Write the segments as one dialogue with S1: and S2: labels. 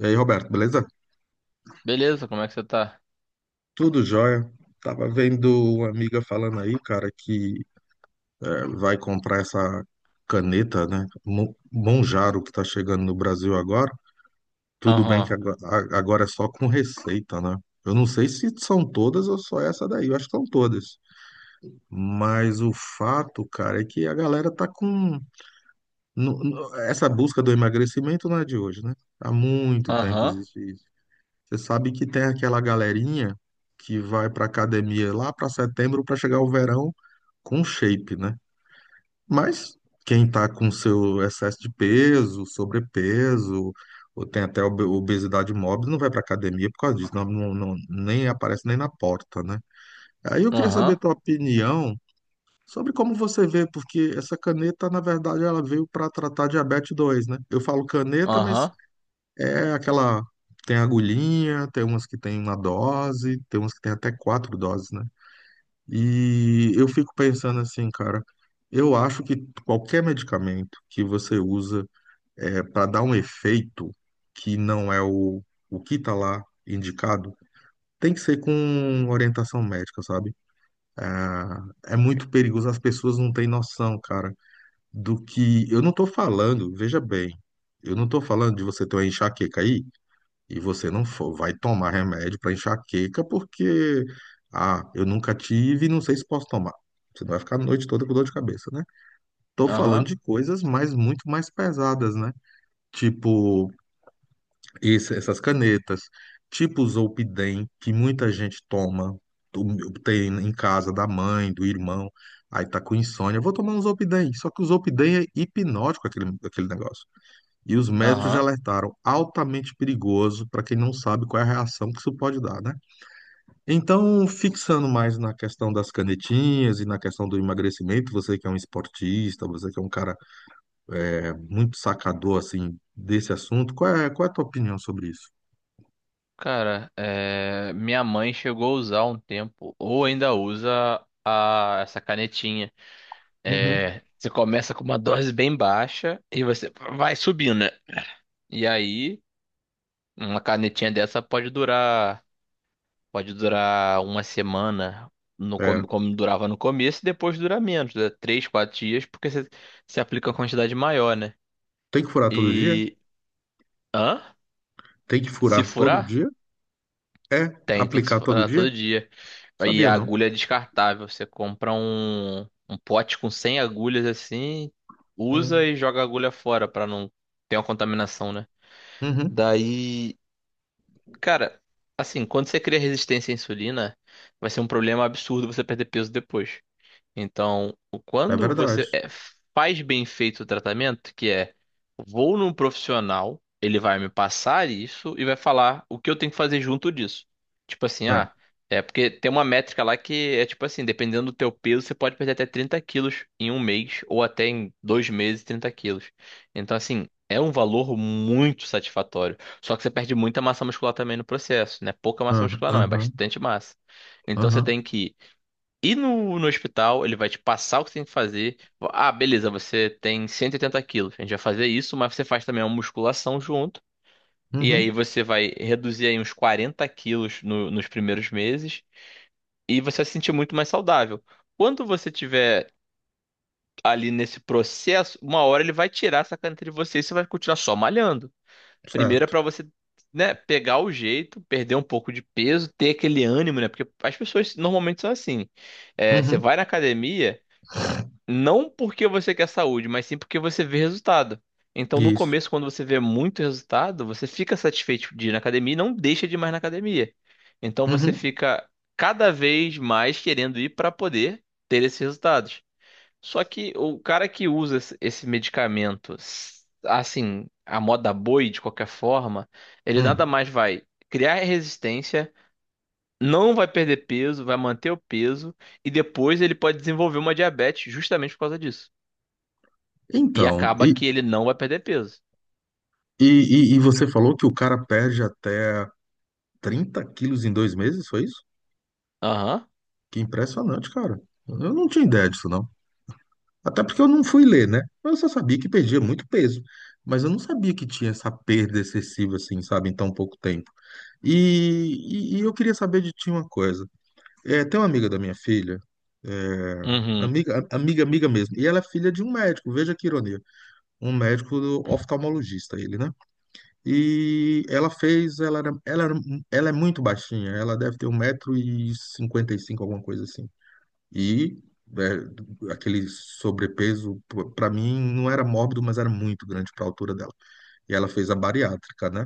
S1: E aí, Roberto, beleza?
S2: Beleza, como é que você tá?
S1: Tudo jóia. Tava vendo uma amiga falando aí, cara, que vai comprar essa caneta, né? Monjaro, que tá chegando no Brasil agora. Tudo bem
S2: Aham,
S1: que agora agora é só com receita, né? Eu não sei se são todas ou só essa daí. Eu acho que são todas. Mas o fato, cara, é que a galera tá com. Essa busca do emagrecimento não é de hoje, né? Há muito tempo
S2: aham,
S1: existe isso. Você sabe que tem aquela galerinha que vai pra academia lá pra setembro pra chegar o verão com shape, né? Mas quem tá com seu excesso de peso, sobrepeso, ou tem até obesidade mórbis, não vai pra academia por causa disso, nem aparece nem na porta, né? Aí eu queria saber a
S2: aham,
S1: tua opinião sobre como você vê, porque essa caneta, na verdade, ela veio para tratar diabetes 2, né? Eu falo caneta, mas
S2: aham,
S1: é aquela. Tem agulhinha, tem umas que tem uma dose, tem umas que tem até 4 doses, né? E eu fico pensando assim, cara, eu acho que qualquer medicamento que você usa para dar um efeito que não é o que tá lá indicado, tem que ser com orientação médica, sabe? Ah, é, muito perigoso, as pessoas não têm noção, cara, do que. Eu não tô falando, veja bem, eu não tô falando de você ter uma enxaqueca aí e você não vai tomar remédio para enxaqueca porque, ah, eu nunca tive e não sei se posso tomar. Você não vai ficar a noite toda com dor de cabeça, né? Tô falando
S2: aham,
S1: de coisas mais muito mais pesadas, né? Tipo essas canetas, tipo o Zolpidem, que muita gente toma, tem em casa da mãe, do irmão, aí tá com insônia, vou tomar um Zolpidem. Só que o Zolpidem é hipnótico aquele negócio. E os médicos já
S2: aham.
S1: alertaram altamente perigoso para quem não sabe qual é a reação que isso pode dar, né? Então, fixando mais na questão das canetinhas e na questão do emagrecimento, você que é um esportista, você que é um cara muito sacador assim desse assunto, qual é a tua opinião sobre isso?
S2: Cara, é, minha mãe chegou a usar um tempo, ou ainda usa a... essa canetinha.
S1: Uhum.
S2: É, você começa com uma dose bem baixa e você vai subindo, né? E aí, uma canetinha dessa pode durar uma semana, no...
S1: É,
S2: como durava no começo, e depois dura menos, né? Três, quatro dias, porque você aplica uma quantidade maior, né?
S1: tem que furar todo dia?
S2: E. Hã?
S1: Tem que
S2: Se
S1: furar todo
S2: furar?
S1: dia? É,
S2: Tem, tem que se
S1: aplicar todo
S2: furar
S1: dia?
S2: todo dia. E
S1: Sabia
S2: a
S1: não.
S2: agulha é descartável. Você compra um pote com 100 agulhas assim, usa
S1: Hum.
S2: e joga a agulha fora pra não ter uma contaminação, né?
S1: Uhum.
S2: Daí, cara, assim, quando você cria resistência à insulina, vai ser um problema absurdo você perder peso depois. Então,
S1: É
S2: quando
S1: verdade.
S2: faz bem feito o tratamento, que é vou num profissional, ele vai me passar isso e vai falar o que eu tenho que fazer junto disso. Tipo assim,
S1: É.
S2: ah, é porque tem uma métrica lá que é tipo assim, dependendo do teu peso, você pode perder até 30 quilos em um mês ou até em 2 meses 30 quilos. Então, assim, é um valor muito satisfatório. Só que você perde muita massa muscular também no processo, né? Pouca massa
S1: Aham,
S2: muscular não, é
S1: aham,
S2: bastante massa. Então você
S1: aham.
S2: tem que e no hospital, ele vai te passar o que você tem que fazer. Ah, beleza, você tem 180 quilos. A gente vai fazer isso, mas você faz também uma musculação junto. E aí
S1: Uhum.
S2: você vai reduzir aí uns 40 quilos nos primeiros meses. E você vai se sentir muito mais saudável. Quando você tiver ali nesse processo, uma hora ele vai tirar essa caneta de você e você vai continuar só malhando. Primeiro é
S1: Certo.
S2: pra você, né, pegar o jeito, perder um pouco de peso, ter aquele ânimo, né? Porque as pessoas normalmente são assim. É, você
S1: Uhum.
S2: vai na academia. Não porque você quer saúde, mas sim porque você vê resultado. Então, no
S1: Isso.
S2: começo, quando você vê muito resultado, você fica satisfeito de ir na academia e não deixa de ir mais na academia. Então, você
S1: Uhum.
S2: fica cada vez mais querendo ir para poder ter esses resultados. Só que o cara que usa esse medicamento, assim, a moda boi, de qualquer forma, ele nada
S1: Hum.
S2: mais vai criar resistência, não vai perder peso, vai manter o peso e depois ele pode desenvolver uma diabetes justamente por causa disso. E
S1: Então,
S2: acaba que ele não vai perder peso.
S1: e, e você falou que o cara perde até 30 quilos em 2 meses, foi isso?
S2: Aham.
S1: Que impressionante, cara. Eu não tinha ideia disso, não. Até porque eu não fui ler, né? Eu só sabia que perdia muito peso. Mas eu não sabia que tinha essa perda excessiva, assim, sabe, em tão pouco tempo. E, e eu queria saber de ti uma coisa. É, tem uma amiga da minha filha,
S2: Uhum.
S1: amiga, amiga, amiga mesmo, e ela é filha de um médico, veja que ironia, um médico oftalmologista, ele, né? E ela fez, ela, era- ela, era- ela é muito baixinha, ela deve ter 1,55 m, alguma coisa assim. E aquele sobrepeso, para mim, não era mórbido, mas era muito grande para a altura dela. E ela fez a bariátrica, né?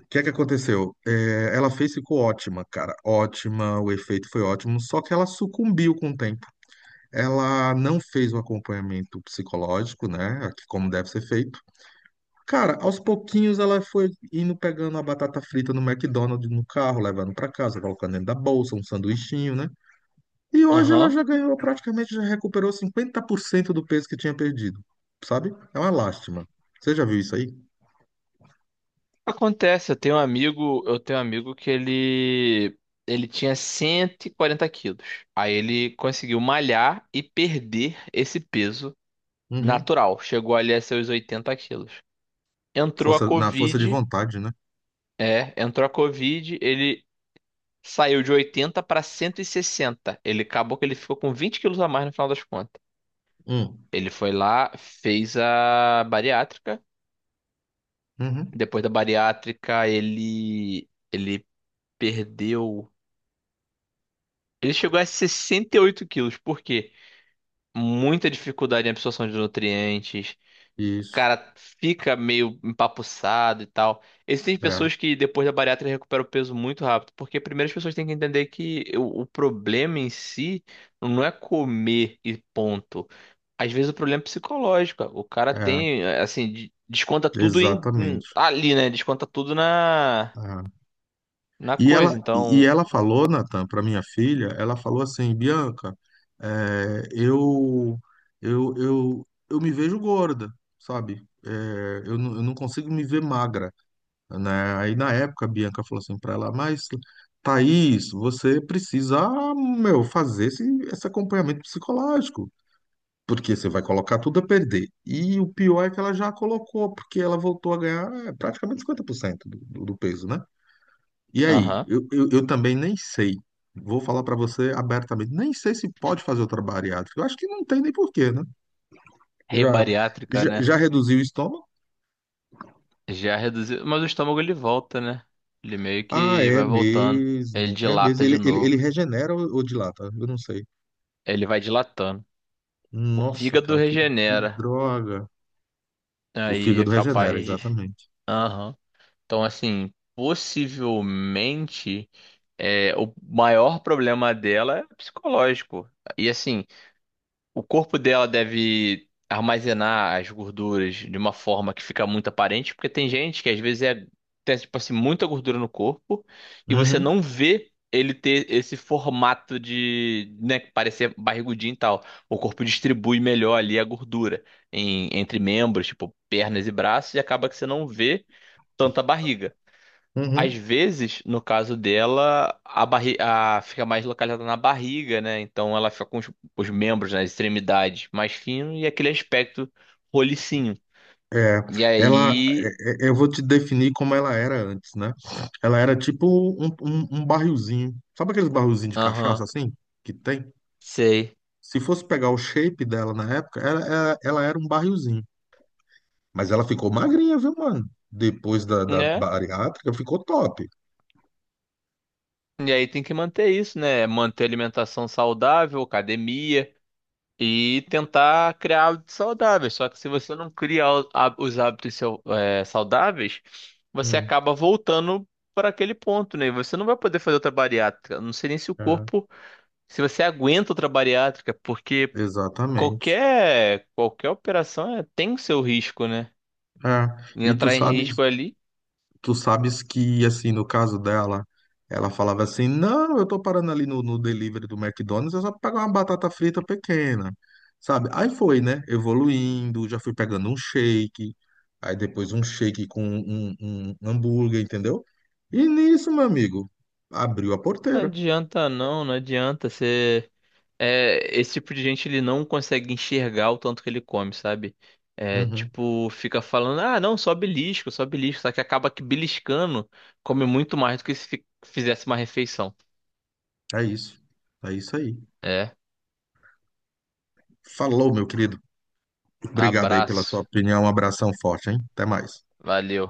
S1: O que é que aconteceu? É, ela fez, ficou ótima, cara, ótima, o efeito foi ótimo, só que ela sucumbiu com o tempo. Ela não fez o acompanhamento psicológico, né? Que como deve ser feito. Cara, aos pouquinhos ela foi indo pegando a batata frita no McDonald's no carro, levando pra casa, colocando dentro da bolsa, um sanduichinho, né? E hoje ela
S2: Aham.
S1: já ganhou, praticamente já recuperou 50% do peso que tinha perdido, sabe? É uma lástima. Você já viu isso aí?
S2: Acontece, eu tenho um amigo que ele tinha 140 quilos. Aí ele conseguiu malhar e perder esse peso
S1: Uhum.
S2: natural. Chegou ali a seus 80 quilos. Entrou a
S1: Força, na força de
S2: Covid,
S1: vontade, né?
S2: entrou a Covid, ele saiu de 80 para 160. Ele acabou que ele ficou com 20 quilos a mais no final das contas.
S1: Hum.
S2: Ele foi lá, fez a bariátrica.
S1: Uhum.
S2: Depois da bariátrica, ele perdeu. Ele chegou a 68 quilos, por quê? Muita dificuldade em absorção de nutrientes. O
S1: Isso.
S2: cara fica meio empapuçado e tal. Existem
S1: É,
S2: pessoas que depois da bariátrica recuperam o peso muito rápido, porque primeiro as pessoas têm que entender que o problema em si não é comer e ponto. Às vezes o problema é psicológico. O cara
S1: é,
S2: tem, assim, desconta tudo em,
S1: exatamente.
S2: ali, né? Desconta tudo na
S1: É. E ela,
S2: coisa.
S1: e
S2: Então,
S1: ela falou, Natan, para minha filha, ela falou assim, Bianca, é, eu, eu me vejo gorda, sabe? Eu não consigo me ver magra, né? Aí na época a Bianca falou assim para ela, mas Thaís, você precisa, meu, fazer esse acompanhamento psicológico, porque você vai colocar tudo a perder. E o pior é que ela já colocou, porque ela voltou a ganhar praticamente 50% do peso, né? E aí,
S2: aham.
S1: eu também nem sei. Vou falar para você abertamente, nem sei se pode fazer outra bariátrica. Eu acho que não tem nem porquê, né? Já,
S2: Rebariátrica,
S1: já,
S2: né?
S1: já reduziu o estômago?
S2: Já reduziu. Mas o estômago ele volta, né? Ele meio
S1: Ah,
S2: que
S1: é
S2: vai voltando. Ele
S1: mesmo. É mesmo.
S2: dilata de
S1: Ele
S2: novo.
S1: regenera ou dilata? Eu não sei.
S2: Ele vai dilatando. O
S1: Nossa,
S2: fígado
S1: cara, que
S2: regenera.
S1: droga. O
S2: Aí é
S1: fígado regenera,
S2: capaz de.
S1: exatamente.
S2: Aham. Então, assim, possivelmente é, o maior problema dela é psicológico. E assim. O corpo dela deve armazenar as gorduras de uma forma que fica muito aparente, porque tem gente que às vezes é, tem, tipo assim, muita gordura no corpo e você
S1: Uhum,
S2: não vê ele ter esse formato de, né, parecer barrigudinho e tal. O corpo distribui melhor ali a gordura entre membros, tipo pernas e braços, e acaba que você não vê tanta barriga. Às
S1: uhum.
S2: vezes, no caso dela, a barri a, fica mais localizada na barriga, né? Então ela fica com os membros, nas extremidades mais fino e aquele aspecto rolicinho.
S1: É,
S2: E
S1: ela,
S2: aí.
S1: eu vou te definir como ela era antes, né? Ela era tipo um barrilzinho. Sabe aqueles barrilzinhos de cachaça
S2: Aham,
S1: assim? Que tem?
S2: sei.
S1: Se fosse pegar o shape dela na época, ela era um barrilzinho. Mas ela ficou magrinha, viu, mano? Depois da
S2: Né?
S1: bariátrica, ficou top.
S2: E aí tem que manter isso, né? Manter alimentação saudável, academia. E tentar criar hábitos saudáveis. Só que se você não cria os hábitos saudáveis, você
S1: Hum,
S2: acaba voltando para aquele ponto, né? E você não vai poder fazer outra bariátrica. Não sei nem se o
S1: é,
S2: corpo, se você aguenta outra bariátrica, porque
S1: exatamente.
S2: qualquer operação tem o seu risco, né?
S1: É.
S2: E
S1: E tu
S2: entrar em
S1: sabe.
S2: risco ali,
S1: Tu sabes que, assim, no caso dela, ela falava assim: não, eu tô parando ali no delivery do McDonald's, eu só pegar uma batata frita pequena, sabe? Aí foi, né? Evoluindo, já fui pegando um shake, aí depois um shake com um hambúrguer, entendeu? E nisso, meu amigo, abriu a
S2: não
S1: porteira.
S2: adianta não, não adianta. É, esse tipo de gente ele não consegue enxergar o tanto que ele come, sabe? É,
S1: Uhum,
S2: tipo, fica falando, ah, não, só belisco, só belisco, só que acaba que beliscando come muito mais do que se fizesse uma refeição.
S1: é isso. É isso aí.
S2: É,
S1: Falou, meu querido. Obrigado aí pela sua
S2: abraço,
S1: opinião. Um abração forte, hein? Até mais.
S2: valeu.